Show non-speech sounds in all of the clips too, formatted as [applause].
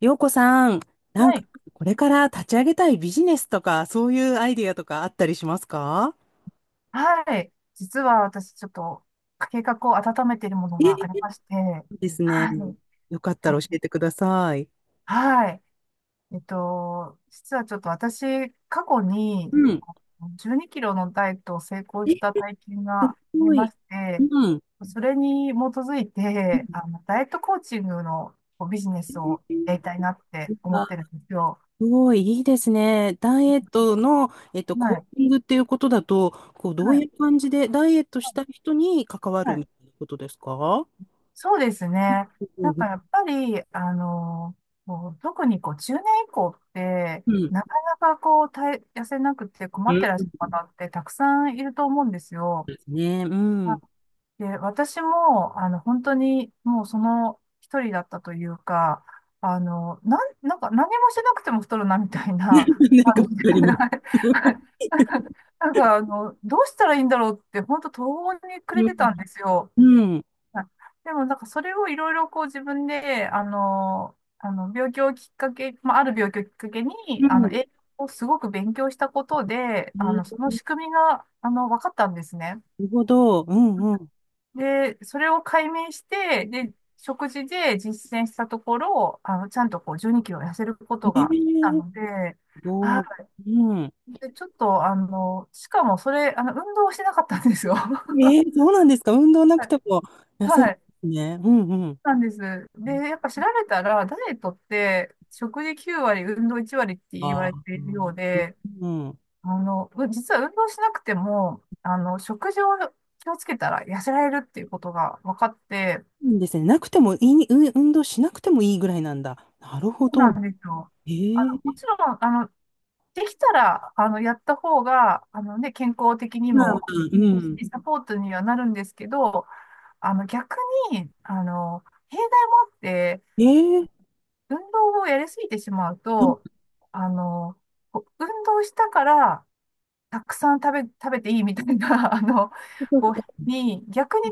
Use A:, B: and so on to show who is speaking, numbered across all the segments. A: 洋子さん、なん
B: は
A: か、
B: い。
A: これから立ち上げたいビジネスとか、そういうアイディアとかあったりしますか？
B: はい。実は私、ちょっと、計画を温めているもの
A: え
B: が
A: え
B: ありまして、
A: ですね。
B: はい。
A: よかった
B: あ
A: ら教えてください。
B: はい。実はちょっと私、過去
A: う
B: に
A: ん。
B: 12キロのダイエットを成功
A: え、
B: した
A: す
B: 体験があり
A: ご
B: ま
A: い。
B: して、
A: うん。
B: それに基づいて、ダイエットコーチングのこうビジネス
A: え
B: をやり
A: ー
B: たいなって思っ
A: あ、
B: てるんですよ。
A: すごい、いいですね。ダイエットの、
B: は
A: コ
B: い。
A: ーチングっていうことだと、こう、ど
B: は
A: う
B: い。
A: いう感じで、ダイエットしたい人に関わ
B: は
A: る
B: い、
A: みたいなことですか？
B: そうですね。
A: う
B: なんか
A: ん。
B: やっぱり、こう特にこう中年以降って、
A: うん。
B: なかこう体、痩せなくて困
A: う
B: ってらっし
A: ん
B: ゃる方ってたくさんいると思うんですよ。
A: ですね。う
B: まあ、
A: ん。
B: で、私も、本当にもうその一人だったというか、なんか何もしなくても太るなみたいな
A: [laughs] なんか
B: 感
A: わ
B: じ
A: か
B: で、[laughs]
A: りま
B: な
A: す。
B: んかどうしたらいいんだろうって、本当途方に暮れ
A: う
B: てたん
A: ん。
B: ですよ。
A: うん
B: はい。でも、なんかそれをいろいろこう自分で、あの病気をきっかけ、まあ、ある病気をきっかけに、
A: うん。
B: 栄養をすごく勉強したことで、
A: ええ、
B: その
A: な
B: 仕組みが、分かったんですね。
A: るほど。うんうん。
B: で、それを解明して、で、食事で実践したところ、ちゃんとこう12キロ痩せるこ
A: え
B: と
A: え、
B: ができた
A: す
B: ので、
A: ご
B: は
A: い。うん。
B: い。で、ちょっと、しかもそれ、運動をしてなかったんですよ。[laughs] は
A: ええ、そうなんですか。運動なくても痩せるんで
B: い。
A: すね。うんうん。
B: なんです。で、やっぱ調べたら、ダイエットって食事9割、運動1割って言
A: あ
B: わ
A: あ、
B: れてい
A: う
B: るよ
A: ん。
B: うで、
A: うん、
B: 実は運動しなくても、食事を気をつけたら痩せられるっていうことが分かって、
A: いいですね。なくてもいい、運動しなくてもいいぐらいなんだ。なるほ
B: そう
A: ど。
B: なんですよ。
A: え
B: も
A: え、
B: ちろん、できたら、やった方が、あのね、健康的に
A: まあま
B: も、
A: あ、
B: う
A: う
B: ん、
A: ん。
B: サポートにはなるんですけど、逆に、弊害もあって、
A: ええ、
B: 運動をやりすぎてしまう
A: そっ
B: と、
A: か
B: あの、こう運動したから、たくさん食べ、食べていいみたいな、[laughs]
A: そっか。
B: 逆に、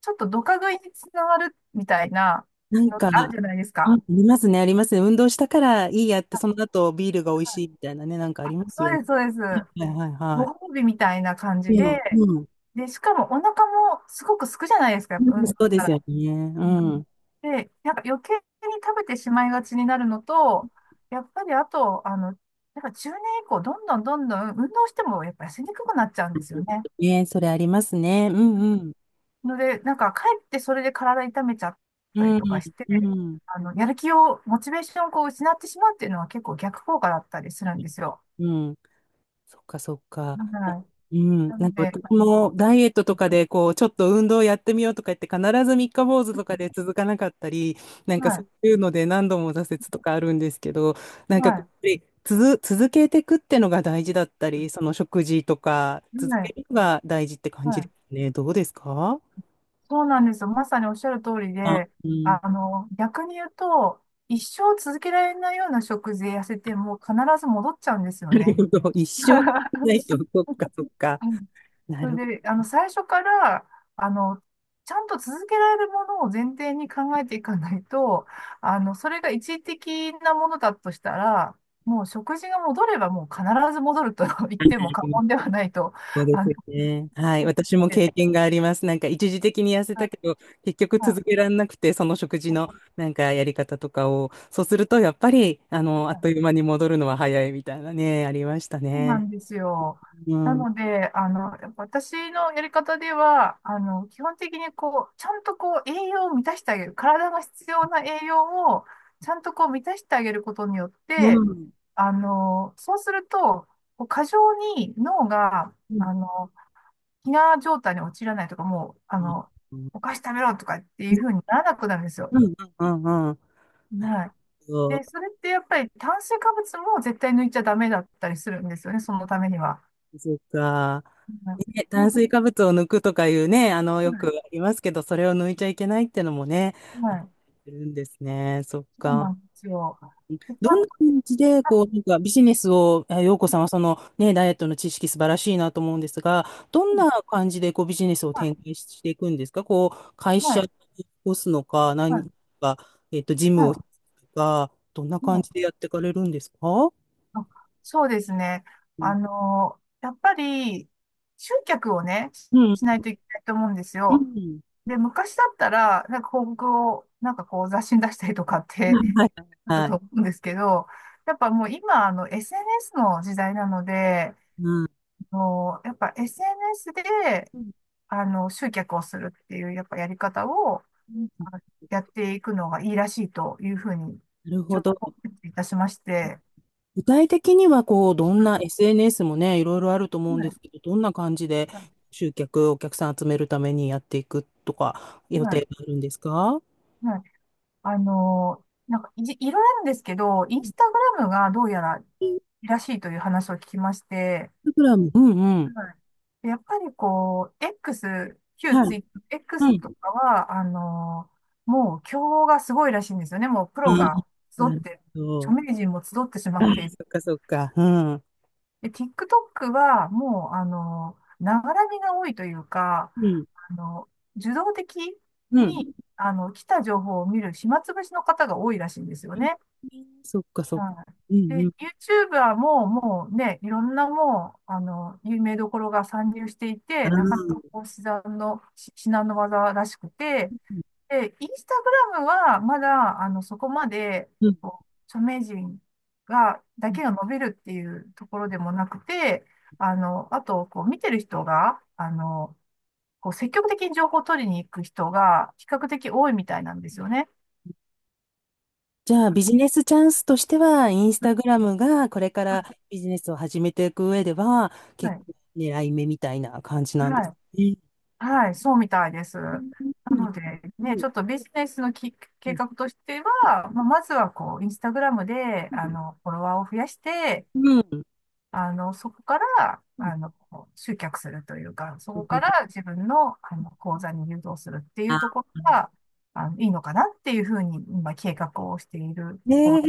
B: ちょっとドカ食いにつながるみたいな
A: なん
B: のっ
A: か、
B: てある
A: あ、
B: じゃないです
A: あ
B: か。
A: りますね、ありますね。運動したからいいやって、
B: あ、
A: その後ビールが美味しいみたいなね、なんかあ
B: あ
A: りますよ
B: そう
A: ね。
B: です、そうです。
A: はいはいは
B: ご褒美みたいな感じ
A: い。うん、
B: で、
A: うん。
B: で、しかもお腹もすごくすくじゃないですか、や
A: う
B: っぱ運
A: ん、
B: 動
A: そう
B: し
A: で
B: た
A: すよ
B: ら。
A: ね。うんん。
B: で、なんか余計に食べてしまいがちになるのと、やっぱりあと、やっぱ中年以降、どんどんどんどん運動してもやっぱ痩せにくくなっちゃうんですよね。
A: ね、それありますね。うんうん。
B: ので、なんかかえってそれで体痛めちゃっ
A: う
B: たりとか
A: ん、
B: して、
A: うん、
B: やる気を、モチベーションをこう失ってしまうっていうのは結構逆効果だったりするんですよ。
A: うん。そっかそっか。
B: はい。
A: うん。
B: な
A: なん
B: ので、
A: か
B: は
A: 私
B: い、
A: もダイエットとかで、こう、ちょっと運動やってみようとか言って、必ず三日坊主とかで続かなかったり、なん
B: は
A: かそ
B: い、
A: ういうので何度も挫折とかあるんですけど、なんかやっぱ
B: は
A: り続けていくってのが大事だったり、その食事とか、続
B: い、
A: けるのが大事って感
B: は
A: じで
B: い。
A: すね。どうですか？
B: そうなんですよ。まさにおっしゃる通り
A: あ、
B: で、
A: うん。
B: 逆に言うと、一生続けられないような食事で痩せても必ず戻っちゃうんですよ
A: なる
B: ね。
A: ほど。[laughs] 一生ないと、
B: [laughs]
A: そっかそっか。
B: うん、
A: な
B: そ
A: るほ
B: れで、最初から、あの、ちゃんと続けられるものを前提に考えていかないと、それが一時的なものだとしたら、もう食事が戻ればもう必ず戻ると [laughs] 言っても
A: ど。
B: 過言ではないと、
A: そうで
B: あ
A: す
B: の、
A: よね。は
B: [laughs]
A: い。
B: 思っ
A: 私も
B: て、
A: 経験があります。なんか一時的に痩せ
B: は
A: た
B: い、
A: けど、結局続
B: は
A: けられなくて、その食事のなんかやり方とかを、そうすると、やっぱり、あっという
B: い、
A: 間に戻るのは早いみたいなね、ありました
B: そうな
A: ね。
B: んですよ。
A: う
B: な
A: ん。
B: ので、やっぱ私のやり方では、基本的にこう、ちゃんとこう、栄養を満たしてあげる。体が必要な栄養を、ちゃんとこう、満たしてあげることによっ
A: う
B: て、
A: ん。
B: そうすると、こう過剰に脳が、
A: うん。うん。
B: あの、飢餓状態に陥らないとか、もう、
A: うん。
B: お菓子食べろとかっていう風にならなくなるんですよ。
A: うん。うん。うん。
B: はい。で、それってやっぱり炭水化物も絶対抜いちゃダメだったりするんですよね、そのためには。
A: そうか。
B: はい、
A: ね、
B: う
A: 炭
B: ん、
A: 水化物を抜くとかいうね、よくあ
B: は
A: りますけど、それを抜いちゃいけないってのもね、
B: い、
A: あ
B: はい、
A: るんですね。そっ
B: そうな
A: か。
B: んですよ。でちゃ
A: どん
B: ん
A: な
B: と、
A: 感じで、こう、なんかビジネスを、あ、陽子さんはそのね、ダイエットの知識素晴らしいなと思うんですが、どんな感じでこうビジネスを
B: はい、
A: 展開していくんですか？こう、会
B: は
A: 社を
B: い、
A: 起こすのか、
B: はい、は
A: 何
B: い、
A: か、ジムを開
B: は
A: くとか、どんな
B: い、は
A: 感じで
B: い、
A: やっていかれるんですか？
B: あ、そうですね。
A: うん。
B: やっぱり、集客をね、
A: うん。
B: しないといけないと思うんです
A: う
B: よ。
A: ん。
B: で、昔だったら、なんか広告を、なんかこう雑誌に出したりとかって、
A: はい。
B: だった
A: は
B: と
A: い。
B: 思うんですけど、やっぱもう今、SNS の時代なので、
A: うん。
B: やっぱ SNS で、集客をするっていう、やっぱやり方を、
A: うん [laughs]
B: やっていくのがいいらしいというふうに、
A: なるほ
B: 情
A: ど。
B: 報いたしまして、
A: 具体的には、こう、どん
B: う
A: な SNS もね、いろいろあると思うん
B: ん、は
A: で
B: い、
A: すけど、どんな感じで
B: はい、
A: 集客、お客さん集めるためにやっていくとか、予定
B: は
A: があるんですか？
B: い、はい、あの、なんかいじ、いろいろあるんですけど、インスタグラムがどうやらい
A: インス
B: いらしいという話を聞きまして、
A: タグラム。うんうん。
B: はい。でやっぱりこう、X、旧
A: はい。
B: ツイ、
A: は
B: X
A: い。
B: とかは、もう競合がすごいらしいんですよね。もうプロ
A: うん、
B: が集っ
A: なる
B: て、
A: ほ
B: 著
A: ど。
B: 名人も集ってしま
A: あ、
B: ってい、
A: そっかそっか。うん。
B: で、TikTok はもう、ながらみが多いというか、
A: うん。
B: あの、受動的
A: う
B: に、
A: ん。
B: 来た情報を見る暇つぶしの方が多いらしいんですよね。
A: そっかそっか。
B: は
A: うん
B: い。
A: う
B: で、
A: ん。
B: YouTuber ももうね、いろんなもう、有名どころが参入してい
A: あ
B: て、なかなか
A: ー、
B: こう、至難の技らしくて、で、インスタグラムはまだ、そこまで、
A: うん。
B: こう、著名人が、だけが伸びるっていうところでもなくて、あと、こう、見てる人が、こう、積極的に情報を取りに行く人が、比較的多いみたいなんですよね。
A: じゃあ、ビジネスチャンスとしては、インスタグラムがこれか
B: は
A: ら
B: い。
A: ビジネスを始めていく上では、結構狙い目みたいな感じなんで
B: は
A: す
B: い。
A: ね。
B: はい。そうみたいです。
A: う
B: な
A: んうん
B: ので、
A: う
B: ね、
A: ん
B: ちょっとビジネスのき、計
A: う
B: 画としては、まあ、まずは、こう、インスタグラムで、
A: ん
B: フォロワーを増やして、
A: うん、
B: そこから、
A: あ、
B: 集客するというか、そこから自分の、講座に誘導するっていうところが、いいのかなっていうふうに、今、計画をしているとこ
A: ねえ、
B: ろ。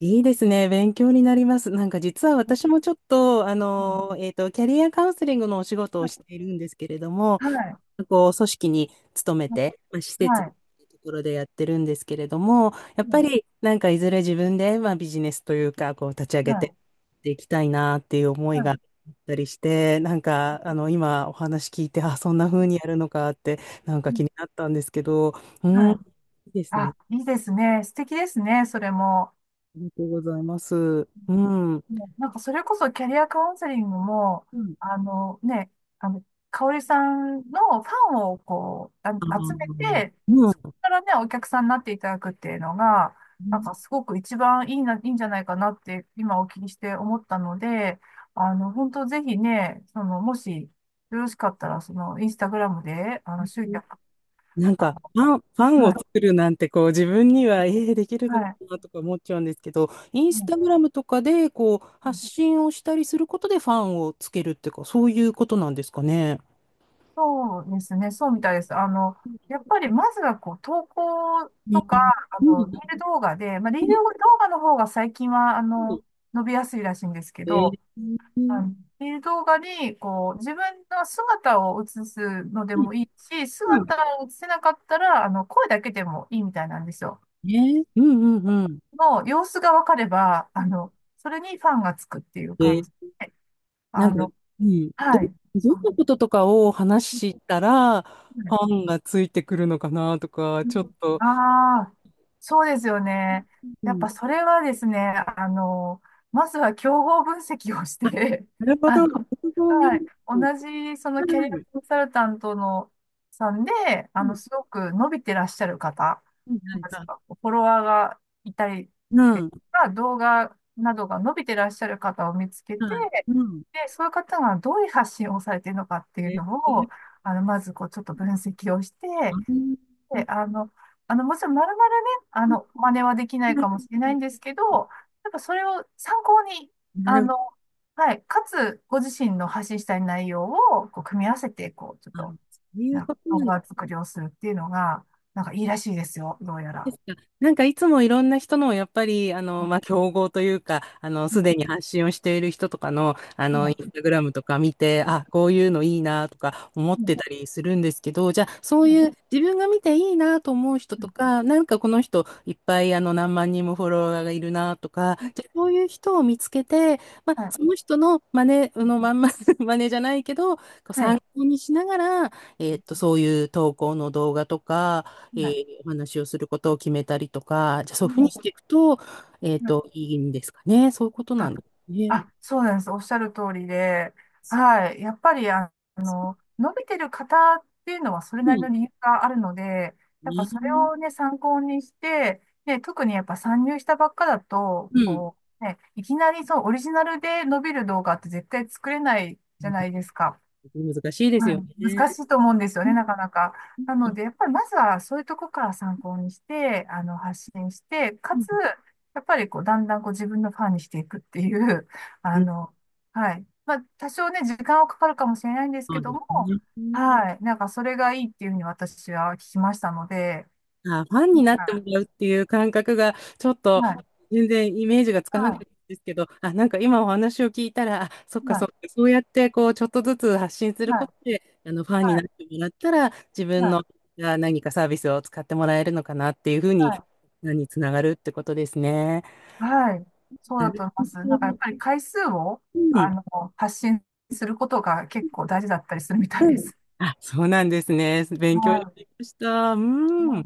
A: いいですね。勉強になります。なんか実は私もちょっと、
B: うん、
A: キャリアカウンセリングのお仕事をしているんですけれども、
B: はい。
A: こう組織に勤めて、まあ、施設
B: はい。
A: というところでやってるんですけれども、や
B: う
A: っぱ
B: ん、
A: りなんかいずれ自分で、まあ、ビジネスというか、こう立ち上
B: は
A: げて
B: い。
A: いきたいなっていう思
B: は
A: いが
B: い。
A: あったりして、なんか今お話聞いて、あ、そんな風にやるのかってなんか
B: う
A: 気
B: ん、
A: になったんですけど、うん、
B: は
A: い
B: い、
A: いですね。
B: あ、いいですね。素敵ですね。それも。
A: ありがとうございます。うん。うん。
B: もうなんかそれこそキャリアカウンセリングも、あのね、あの、香織さんのファンをこう、
A: あ
B: 集め
A: ー、
B: て、そこ
A: う
B: からね、お客さんになっていただくっていうのが、なんか
A: ん。
B: すごく一番いいな、いいんじゃないかなって今お聞きして思ったので、本当ぜひね、その、もしよろしかったら、その、インスタグラムで、集客、
A: なん
B: あ
A: か、ファンを
B: は
A: 作るなんて、こう、自分には、できる
B: い、
A: の
B: は
A: か
B: い。
A: なとか思っちゃうんですけど、イン
B: う
A: ス
B: ん、
A: タグラムとかで、こう、発信をしたりすることでファンをつけるっていうか、そういうことなんですかね。
B: そうですね。そうみたいです。やっぱりまずはこう、投稿
A: う
B: とか、
A: ん、
B: リール動画で、まあ、リール動画の方が最近は、伸びやすいらしいんですけ
A: えー、
B: ど、
A: うん
B: リール動画に、こう、自分の姿を映すので
A: う
B: もいいし、
A: ん
B: 姿を映せなかったら、声だけでもいいみたいなんですよ。
A: ね、うんうん
B: の様子がわかれば、
A: うん。
B: それにファンがつくっていう感
A: で、
B: じで、
A: な
B: あ
A: んか、
B: の、
A: うん、ど、
B: はい。
A: どん
B: そう。
A: なこととかを話したら、ファンがついてくるのかなとか、
B: う
A: ちょ
B: ん、
A: っと、
B: ああ、そうですよね。
A: う
B: やっ
A: ん、
B: ぱそれはですね、あの、まずは競合分析をし
A: あ、
B: て、
A: なる
B: [laughs]
A: ほ
B: あ
A: ど、な
B: の、
A: るほど、うん、
B: はい、
A: う
B: 同じそのキャリア
A: ん、う
B: コンサルタントのさんで、
A: ん、
B: すごく伸びてらっしゃる方、
A: うんはい
B: まず
A: はい
B: はフォロワーがいたり
A: う
B: です
A: ん。
B: とか、動画などが伸びてらっしゃる方を見つけて、
A: はい。うん。
B: で、そういう方がどういう発信をされているのかってい
A: え
B: う
A: え、
B: のを、まずこう、ちょっと分析をし
A: あ
B: て、
A: あ、
B: あのもちろんまるまるね、あの真似はできないかもしれないんですけど、やっぱそれを参考に、
A: な
B: あ
A: るほど。
B: のはい、かつご自身の発信したい内容をこう組み合わせてこうちょっと
A: そういうこと
B: 動
A: なん
B: 画作成をするっていうのがなんかいいらしいですよ、どうや
A: で
B: ら。
A: すか。なんかいつもいろんな人の、やっぱり、まあ、競合というか、すで
B: は
A: に発信をしている人とかの、
B: い、は
A: イ
B: い、
A: ンスタグラムとか見て、あ、こういうのいいなとか思ってたりするんですけど、じゃあ、そういう自分が見ていいなと思う人とか、なんかこの人いっぱい、何万人もフォロワーがいるなとか、じゃあ、そういう人を見つけて、まあ、
B: はい、はい、
A: その人の真似、あのまんま [laughs]、真似じゃないけど、こう
B: はい、は
A: 参考にしながら、そういう投稿の動画とか、え
B: い、
A: お話をすることを決めたりとか、じゃあそういうふうにしていくと、
B: はい、
A: いいんですかね。そういうこと
B: は
A: な
B: い。
A: んですね。
B: あ、そうなんです。おっしゃる通りで、はい。やっぱり、伸びてる方っていうのはそれ
A: う
B: なり
A: ん
B: の理由があるので、やっぱそれ
A: ね。
B: をね、参考にして、ね、特にやっぱ参入したばっかだと、
A: うん。
B: こう、ね、いきなりそう、オリジナルで伸びる動画って絶対作れないじゃないですか。
A: 難しいで
B: は
A: すよ
B: い、
A: ね。
B: 難しいと思うんですよ
A: う
B: ね、
A: ん
B: なかなか。な
A: うん
B: ので、やっぱりまずはそういうとこから参考にして、発信して、
A: う
B: か
A: ん
B: つ、やっぱりこう、だんだんこう自分のファンにしていくっていう、[laughs]
A: う
B: あ
A: ん
B: の、はい。まあ、多少ね、時間はかかるかもしれないんです
A: そ
B: け
A: う
B: ど
A: です
B: も、
A: ね。
B: はい。なんか、それがいいっていうふうに私は聞きましたので、
A: あ、ファンになってもら
B: は
A: うっていう感覚が、ちょっ
B: い。
A: と
B: はい。
A: 全然イメージがつかなかった
B: は
A: んですけど、あ、なんか今お話を聞いたら、あ、そっ
B: い。
A: か
B: は
A: そっか、
B: い。
A: そうやってこう、ちょっとずつ発信する
B: は
A: こ
B: い。
A: とで、ファンに
B: は
A: な
B: い。
A: ってもらったら、自
B: は
A: 分の、
B: い。
A: あ、何かサービスを使ってもらえるのかなっていうふう
B: は
A: に、
B: い。
A: につながるってことですね。
B: はい。そう
A: な
B: だ
A: る
B: と思います。
A: ほ
B: なんかやっ
A: ど。
B: ぱり回数を、
A: う
B: あ
A: ん。
B: の、発信することが結構大事だったりするみたい
A: う
B: で
A: ん、
B: す。
A: あ、そうなんですね。
B: は
A: 勉強にな
B: い。
A: りました。うん。